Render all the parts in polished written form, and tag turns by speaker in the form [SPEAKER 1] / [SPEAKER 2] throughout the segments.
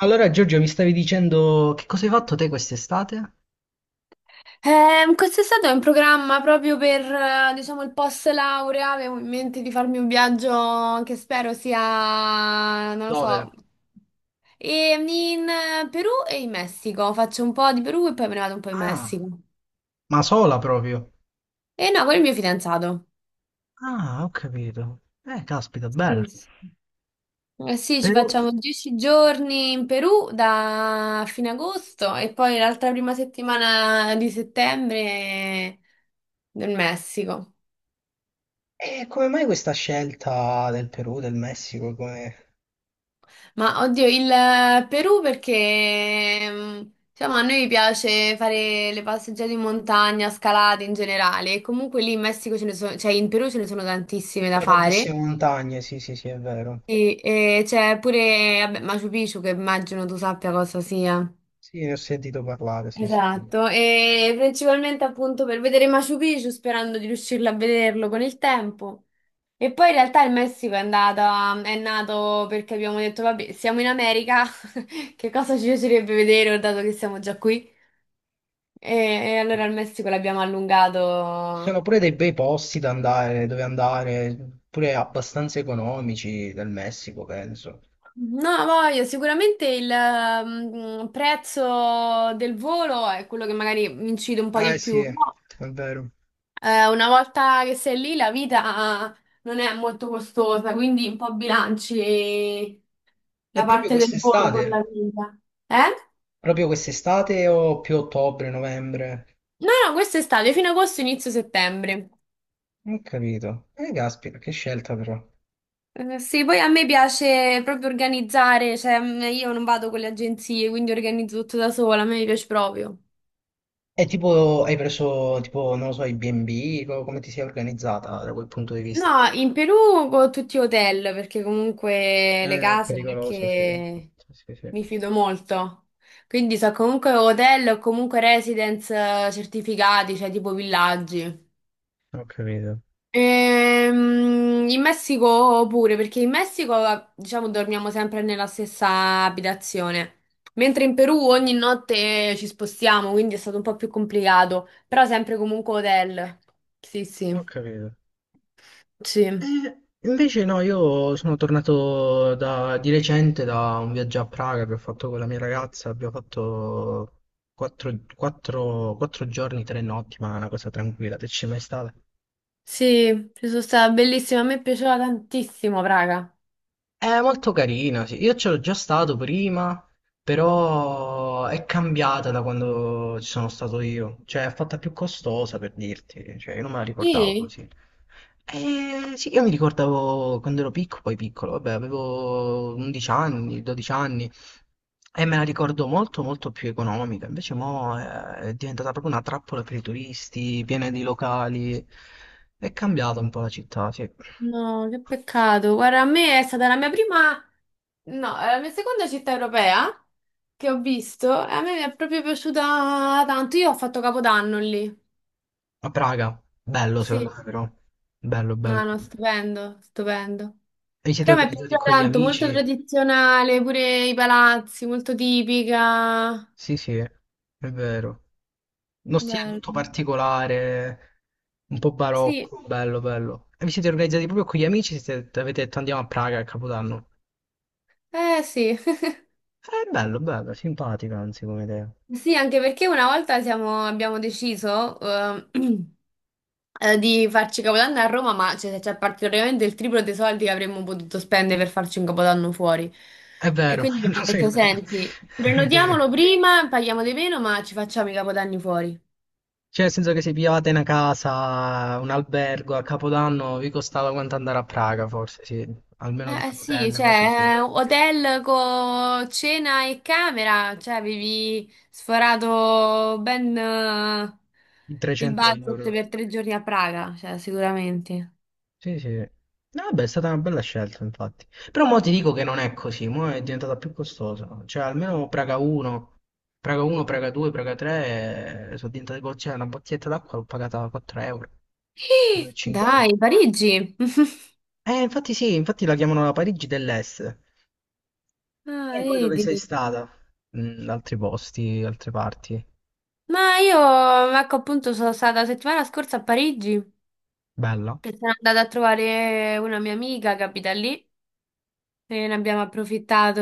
[SPEAKER 1] Allora, Giorgio, mi stavi dicendo che cosa hai fatto te quest'estate?
[SPEAKER 2] Quest'estate ho in programma proprio per, diciamo, il post laurea, avevo in mente di farmi un viaggio che spero sia, non lo
[SPEAKER 1] Dove?
[SPEAKER 2] so, e- in Perù e in Messico. Faccio un po' di Perù e poi me ne vado un po' in
[SPEAKER 1] Ah,
[SPEAKER 2] Messico.
[SPEAKER 1] ma sola proprio.
[SPEAKER 2] E no, con il mio fidanzato.
[SPEAKER 1] Ah, ho capito. Caspita, bello.
[SPEAKER 2] Sì, sì. Eh sì, ci
[SPEAKER 1] Perù.
[SPEAKER 2] facciamo 10 giorni in Perù da fine agosto e poi l'altra prima settimana di settembre nel Messico.
[SPEAKER 1] Come mai questa scelta del Perù, del Messico? Come...
[SPEAKER 2] Ma oddio, il Perù perché diciamo, a noi piace fare le passeggiate in montagna, scalate in generale. E comunque lì in Messico ce ne sono, cioè in Perù ce ne sono tantissime
[SPEAKER 1] Ci
[SPEAKER 2] da
[SPEAKER 1] sono
[SPEAKER 2] fare.
[SPEAKER 1] tantissime montagne, sì, sì, sì, è vero.
[SPEAKER 2] E c'è pure vabbè, Machu Picchu, che immagino tu sappia cosa sia.
[SPEAKER 1] Sì, ne ho sentito parlare, sì, sì. Ci
[SPEAKER 2] Esatto, e principalmente appunto per vedere Machu Picchu, sperando di riuscirlo a vederlo con il tempo. E poi in realtà il Messico è andata, è nato perché abbiamo detto, vabbè, siamo in America, che cosa ci piacerebbe vedere, oh, dato che siamo già qui? E allora il Messico l'abbiamo
[SPEAKER 1] sono
[SPEAKER 2] allungato.
[SPEAKER 1] pure dei bei posti da andare, dove andare, pure abbastanza economici del Messico, penso.
[SPEAKER 2] No, voglio, sicuramente il prezzo del volo è quello che magari incide un po' di
[SPEAKER 1] Sì,
[SPEAKER 2] più.
[SPEAKER 1] è vero.
[SPEAKER 2] Una volta che sei lì, la vita non è molto costosa, quindi un po' bilanci
[SPEAKER 1] E
[SPEAKER 2] la
[SPEAKER 1] proprio
[SPEAKER 2] parte del volo
[SPEAKER 1] quest'estate?
[SPEAKER 2] con la vita. Eh?
[SPEAKER 1] Proprio quest'estate o più ottobre, novembre?
[SPEAKER 2] No, no, questo è estate, fino agosto, inizio settembre.
[SPEAKER 1] Non ho capito. Caspita, che scelta però.
[SPEAKER 2] Sì, poi a me piace proprio organizzare, cioè io non vado con le agenzie, quindi organizzo tutto da sola, a me mi piace proprio.
[SPEAKER 1] E tipo, hai preso, tipo, non lo so, i B&B, come ti sei organizzata da quel punto di vista?
[SPEAKER 2] No, in Perù con tutti hotel, perché comunque le
[SPEAKER 1] È
[SPEAKER 2] case non è
[SPEAKER 1] pericoloso, sì.
[SPEAKER 2] che
[SPEAKER 1] Sì, sì, sì.
[SPEAKER 2] mi fido molto. Quindi so comunque hotel o comunque residence certificati, cioè tipo villaggi.
[SPEAKER 1] Ho capito,
[SPEAKER 2] In Messico pure, perché in Messico diciamo dormiamo sempre nella stessa abitazione. Mentre in Perù ogni notte ci spostiamo, quindi è stato un po' più complicato, però sempre comunque hotel. Sì, sì,
[SPEAKER 1] ho capito.
[SPEAKER 2] sì.
[SPEAKER 1] Invece no, io sono tornato di recente da un viaggio a Praga che ho fatto con la mia ragazza, abbiamo fatto 4, giorni, 3 notti, ma una cosa tranquilla, te ci sei mai stata?
[SPEAKER 2] Sì, ci sono stata, bellissima, a me piaceva tantissimo, raga.
[SPEAKER 1] È molto carina, sì. Io c'ero già stato prima, però è cambiata da quando ci sono stato io. Cioè, è fatta più costosa per dirti. Cioè, io non me la ricordavo
[SPEAKER 2] Sì?
[SPEAKER 1] così. Sì, io mi ricordavo quando ero piccolo, poi piccolo, vabbè, avevo 11 anni, 12 anni e me la ricordo molto molto più economica. Invece mo è diventata proprio una trappola per i turisti, piena di locali. È cambiata un po' la città, sì.
[SPEAKER 2] No, che peccato. Guarda, a me è stata la mia prima, no, la mia seconda città europea che ho visto e a me mi è proprio piaciuta tanto. Io ho fatto Capodanno lì.
[SPEAKER 1] A Praga, bello secondo
[SPEAKER 2] Sì,
[SPEAKER 1] me però, bello bello.
[SPEAKER 2] no, no,
[SPEAKER 1] E
[SPEAKER 2] stupendo, stupendo.
[SPEAKER 1] vi siete
[SPEAKER 2] Però mi è
[SPEAKER 1] organizzati
[SPEAKER 2] piaciuta
[SPEAKER 1] con gli
[SPEAKER 2] tanto, molto
[SPEAKER 1] amici?
[SPEAKER 2] tradizionale, pure i palazzi, molto tipica.
[SPEAKER 1] Sì sì, è vero. Uno stile tutto
[SPEAKER 2] Bello.
[SPEAKER 1] particolare, un po'
[SPEAKER 2] Sì,
[SPEAKER 1] barocco, bello bello. E vi siete organizzati proprio con gli amici? Siete, avete detto andiamo a Praga a Capodanno?
[SPEAKER 2] eh sì.
[SPEAKER 1] Bello bello, simpatico anzi come idea.
[SPEAKER 2] Sì, anche perché una volta abbiamo deciso di farci Capodanno a Roma, ma c'è praticamente il triplo dei soldi che avremmo potuto spendere per farci un Capodanno fuori.
[SPEAKER 1] È
[SPEAKER 2] E
[SPEAKER 1] vero,
[SPEAKER 2] quindi
[SPEAKER 1] lo
[SPEAKER 2] abbiamo
[SPEAKER 1] so che è
[SPEAKER 2] detto,
[SPEAKER 1] vero.
[SPEAKER 2] senti,
[SPEAKER 1] È vero.
[SPEAKER 2] prenotiamolo prima, paghiamo di meno, ma ci facciamo i Capodanni fuori.
[SPEAKER 1] Cioè, nel senso che se pigliavate una casa, un albergo a Capodanno, vi costava quanto andare a Praga, forse, sì. Almeno di un
[SPEAKER 2] Sì,
[SPEAKER 1] hotel, cose sì.
[SPEAKER 2] cioè, hotel con cena e camera, cioè avevi sforato ben
[SPEAKER 1] di
[SPEAKER 2] il
[SPEAKER 1] 300
[SPEAKER 2] budget
[SPEAKER 1] euro.
[SPEAKER 2] per 3 giorni a Praga, cioè sicuramente.
[SPEAKER 1] Sì, sì. No, vabbè, è stata una bella scelta, infatti. Però mo ti dico che non è così, mo è diventata più costosa. Cioè, almeno Praga 1, Praga 2, Praga 3, sono diventate cioè, una bottiglietta d'acqua l'ho pagata 4 euro,
[SPEAKER 2] Dai,
[SPEAKER 1] 3,50.
[SPEAKER 2] Parigi.
[SPEAKER 1] Infatti sì, infatti la chiamano la Parigi dell'Est.
[SPEAKER 2] Ah,
[SPEAKER 1] E poi dove sei
[SPEAKER 2] vedi.
[SPEAKER 1] stata? Mm, altri posti, altre parti.
[SPEAKER 2] Ma io, ecco, appunto, sono stata la settimana scorsa a Parigi,
[SPEAKER 1] Bella.
[SPEAKER 2] che sono andata a trovare una mia amica che abita lì e ne abbiamo approfittato,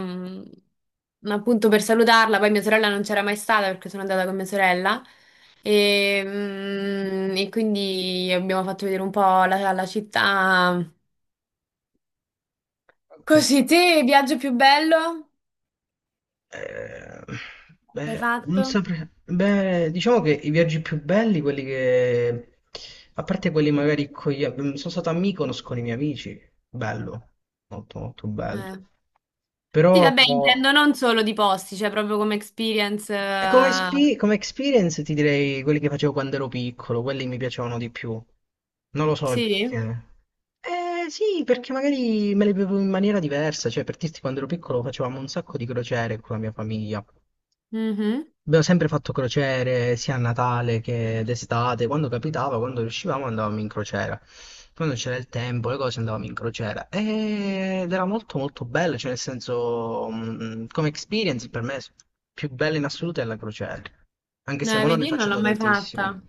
[SPEAKER 2] mm, appunto, per salutarla. Poi mia sorella non c'era mai stata, perché sono andata con mia sorella. E, e quindi abbiamo fatto vedere un po' la città.
[SPEAKER 1] Ok.
[SPEAKER 2] Così, te, viaggio più bello
[SPEAKER 1] Eh,
[SPEAKER 2] che hai
[SPEAKER 1] beh, non
[SPEAKER 2] fatto?
[SPEAKER 1] saprei. Beh, diciamo che i viaggi più belli, quelli che... A parte quelli magari con gli... Sono stato a Mykonos con i miei amici. Bello. Molto, molto bello.
[SPEAKER 2] Eh.
[SPEAKER 1] Però...
[SPEAKER 2] Sì, vabbè, intendo non solo di posti, cioè proprio come experience.
[SPEAKER 1] eh, Come,
[SPEAKER 2] Eh,
[SPEAKER 1] espi- come experience ti direi quelli che facevo quando ero piccolo, quelli mi piacevano di più. Non lo so il
[SPEAKER 2] sì.
[SPEAKER 1] perché. Eh sì, perché magari me le bevo in maniera diversa, cioè per dirti quando ero piccolo facevamo un sacco di crociere con la mia famiglia.
[SPEAKER 2] Mhm.
[SPEAKER 1] Abbiamo sempre fatto crociere sia a Natale che d'estate, quando capitava, quando riuscivamo andavamo in crociera. Quando c'era il tempo, le cose andavamo in crociera ed era molto molto bello, cioè nel senso, come experience per me più bella in assoluto è la crociera, anche se mo non ne
[SPEAKER 2] Vedi, non
[SPEAKER 1] faccio
[SPEAKER 2] l'ho
[SPEAKER 1] da
[SPEAKER 2] mai fatta.
[SPEAKER 1] tantissimo.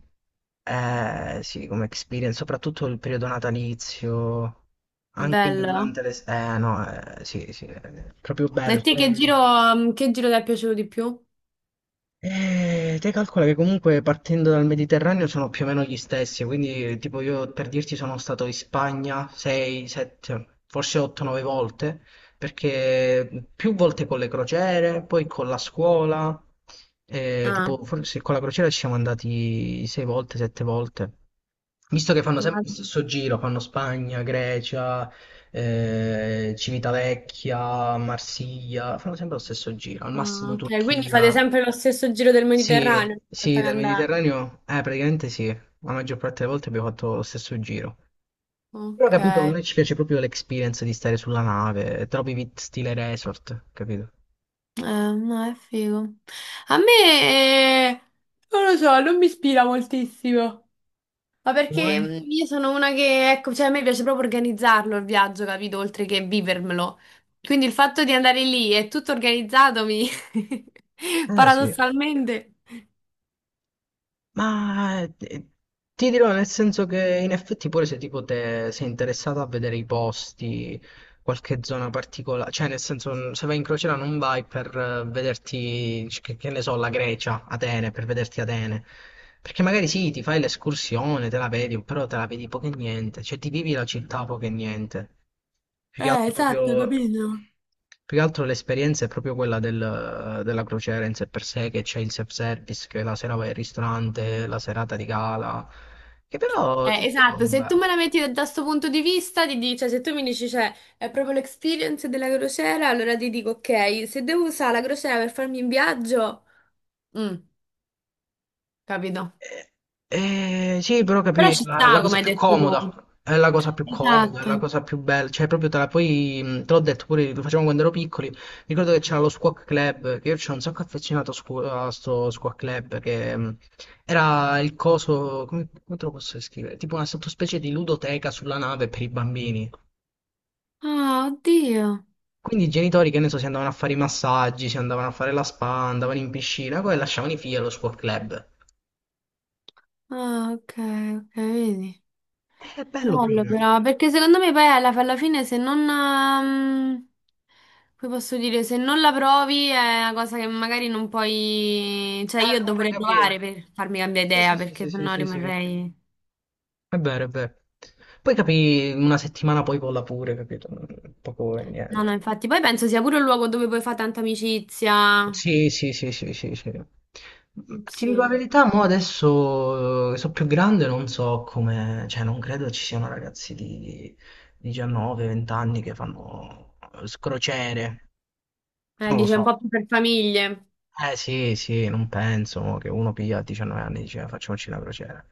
[SPEAKER 1] Eh sì, come experience, soprattutto il periodo natalizio,
[SPEAKER 2] È
[SPEAKER 1] anche
[SPEAKER 2] bello.
[SPEAKER 1] durante le... Eh no, sì, sì, è proprio
[SPEAKER 2] E
[SPEAKER 1] bello.
[SPEAKER 2] te
[SPEAKER 1] Eh,
[SPEAKER 2] che giro ti è piaciuto di più?
[SPEAKER 1] eh, te calcola che comunque partendo dal Mediterraneo sono più o meno gli stessi, quindi tipo io per dirti sono stato in Spagna 6, 7, forse 8-9 volte, perché più volte con le crociere, poi con la scuola,
[SPEAKER 2] Ah,
[SPEAKER 1] tipo forse con la crociera ci siamo andati 6 volte, 7 volte. Visto che fanno sempre lo
[SPEAKER 2] guarda.
[SPEAKER 1] stesso giro, fanno Spagna, Grecia, Civitavecchia, Marsiglia, fanno sempre lo stesso giro, al
[SPEAKER 2] Ah,
[SPEAKER 1] massimo
[SPEAKER 2] ok, quindi fate
[SPEAKER 1] Turchia,
[SPEAKER 2] sempre lo stesso giro del
[SPEAKER 1] sì,
[SPEAKER 2] Mediterraneo una volta
[SPEAKER 1] sì,
[SPEAKER 2] che
[SPEAKER 1] dal
[SPEAKER 2] andate.
[SPEAKER 1] Mediterraneo, praticamente sì, la maggior parte delle volte abbiamo fatto lo stesso giro. Però ho
[SPEAKER 2] Ok,
[SPEAKER 1] capito, a
[SPEAKER 2] eh,
[SPEAKER 1] noi ci piace proprio l'experience di stare sulla nave, troppi vit stile resort, capito?
[SPEAKER 2] no, è figo. A me, non lo so, non mi ispira moltissimo. Ma
[SPEAKER 1] Vuoi?
[SPEAKER 2] perché io sono una che, ecco, cioè a me piace proprio organizzarlo il viaggio, capito? Oltre che vivermelo. Quindi il fatto di andare lì e tutto organizzato mi...
[SPEAKER 1] Eh sì.
[SPEAKER 2] paradossalmente...
[SPEAKER 1] Ma ti dirò nel senso che in effetti pure se tipo te sei interessato a vedere i posti, qualche zona particolare, cioè nel senso se vai in crociera non vai per vederti, che ne so, la Grecia, Atene, per vederti Atene, perché magari sì, ti fai l'escursione, te la vedi, però te la vedi poco e niente, cioè ti vivi la città poco e niente. Più che altro,
[SPEAKER 2] Esatto,
[SPEAKER 1] proprio-
[SPEAKER 2] capito?
[SPEAKER 1] più che altro l'esperienza è proprio quella della crociera in sé per sé, che c'è il self-service, che la sera vai al ristorante, la serata di gala, che però, tipo,
[SPEAKER 2] Esatto, se tu
[SPEAKER 1] beh.
[SPEAKER 2] me la metti da sto punto di vista, ti dici, cioè, se tu mi dici, cioè, è proprio l'experience della crociera, allora ti dico, ok, se devo usare la crociera per farmi un viaggio, mm, capito?
[SPEAKER 1] Sì, però
[SPEAKER 2] Però
[SPEAKER 1] capì,
[SPEAKER 2] ci
[SPEAKER 1] la
[SPEAKER 2] sta,
[SPEAKER 1] cosa
[SPEAKER 2] come hai
[SPEAKER 1] più
[SPEAKER 2] detto
[SPEAKER 1] comoda,
[SPEAKER 2] tu.
[SPEAKER 1] è la cosa più comoda, è la
[SPEAKER 2] Esatto.
[SPEAKER 1] cosa più bella, cioè proprio te la poi, te l'ho detto pure, lo facevamo quando ero piccoli, ricordo che c'era lo Squawk Club, che io c'ero un sacco affezionato a sto Squawk Club, che era il coso, come te lo posso descrivere? Tipo una sottospecie di ludoteca sulla nave per i bambini.
[SPEAKER 2] Ah, oddio.
[SPEAKER 1] Quindi i genitori, che ne so, si andavano a fare i massaggi, si andavano a fare la spa, andavano in piscina, poi lasciavano i figli allo Squawk Club.
[SPEAKER 2] Ah, ok, ok, vedi.
[SPEAKER 1] È bello
[SPEAKER 2] Bello
[SPEAKER 1] proprio. Eh,
[SPEAKER 2] però, perché secondo me poi alla, alla fine se non... come posso dire, se non la provi è una cosa che magari non puoi... Cioè io
[SPEAKER 1] non puoi
[SPEAKER 2] dovrei provare
[SPEAKER 1] capire.
[SPEAKER 2] per farmi cambiare
[SPEAKER 1] Sì,
[SPEAKER 2] idea,
[SPEAKER 1] sì, sì,
[SPEAKER 2] perché
[SPEAKER 1] sì, sì,
[SPEAKER 2] sennò
[SPEAKER 1] sì, sì. È
[SPEAKER 2] rimarrei...
[SPEAKER 1] vero, è vero. Poi capì, una settimana poi vola pure, capito? Poco e
[SPEAKER 2] No, no,
[SPEAKER 1] niente.
[SPEAKER 2] infatti. Poi penso sia pure un luogo dove puoi fare tanta amicizia.
[SPEAKER 1] Sì, sì, sì, sì, sì, sì. Ti dico
[SPEAKER 2] Sì.
[SPEAKER 1] la verità, mo adesso sono più grande, non so come, cioè non credo ci siano ragazzi di 19, 20 anni che fanno crociere, non lo
[SPEAKER 2] Dice
[SPEAKER 1] so.
[SPEAKER 2] un po' più per famiglie.
[SPEAKER 1] Eh sì, sì, non penso mo, che uno piglia a 19 anni e dice "Ah, facciamoci una crociera.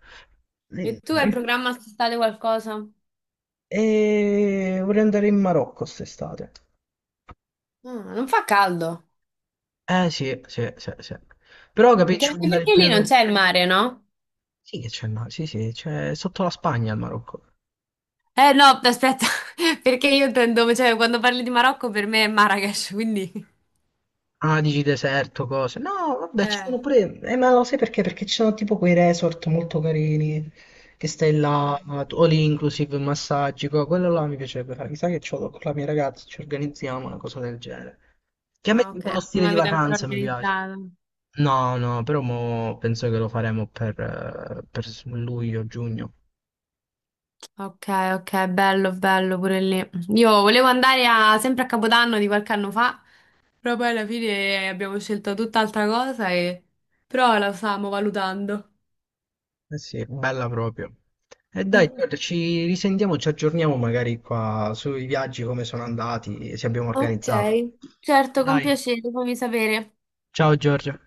[SPEAKER 2] E
[SPEAKER 1] Mm.
[SPEAKER 2] tu hai in programma quest'estate qualcosa?
[SPEAKER 1] E vorrei andare in Marocco quest'estate.
[SPEAKER 2] Ah, non fa caldo.
[SPEAKER 1] Eh sì, sì, sì, sì. Però capì, ci
[SPEAKER 2] Anche
[SPEAKER 1] vuole andare il
[SPEAKER 2] perché lì non
[SPEAKER 1] periodo...
[SPEAKER 2] c'è il mare, no?
[SPEAKER 1] Sì che c'è il mare, sì sì, c'è sotto la Spagna il Marocco.
[SPEAKER 2] Eh no, aspetta, perché io intendo, cioè quando parli di Marocco per me è Marrakesh, quindi...
[SPEAKER 1] Ah, dici deserto, cose. No, vabbè, ci
[SPEAKER 2] Eh.
[SPEAKER 1] sono pure... ma lo sai perché? Perché ci sono tipo quei resort molto carini, che stai là, all inclusive, massaggi, quello là mi piacerebbe fare. Chissà che c'ho con la mia ragazza, ci organizziamo una cosa del genere. Che a me
[SPEAKER 2] Ah, ok,
[SPEAKER 1] quello
[SPEAKER 2] non
[SPEAKER 1] stile di
[SPEAKER 2] l'avete ancora
[SPEAKER 1] vacanza mi piace.
[SPEAKER 2] organizzato.
[SPEAKER 1] No, no, però mo penso che lo faremo per luglio, giugno.
[SPEAKER 2] Ok, ok, bello, bello pure lì. Io volevo andare a- Sempre a Capodanno di qualche anno fa, però poi alla fine abbiamo scelto tutt'altra cosa e... Però la stiamo valutando.
[SPEAKER 1] Eh sì, bella proprio. E dai,
[SPEAKER 2] Mm.
[SPEAKER 1] Giorgio, ci risentiamo, ci aggiorniamo magari qua sui viaggi, come sono andati, se abbiamo
[SPEAKER 2] Ok,
[SPEAKER 1] organizzato.
[SPEAKER 2] certo, con
[SPEAKER 1] Dai,
[SPEAKER 2] piacere, fammi sapere.
[SPEAKER 1] ciao Giorgio.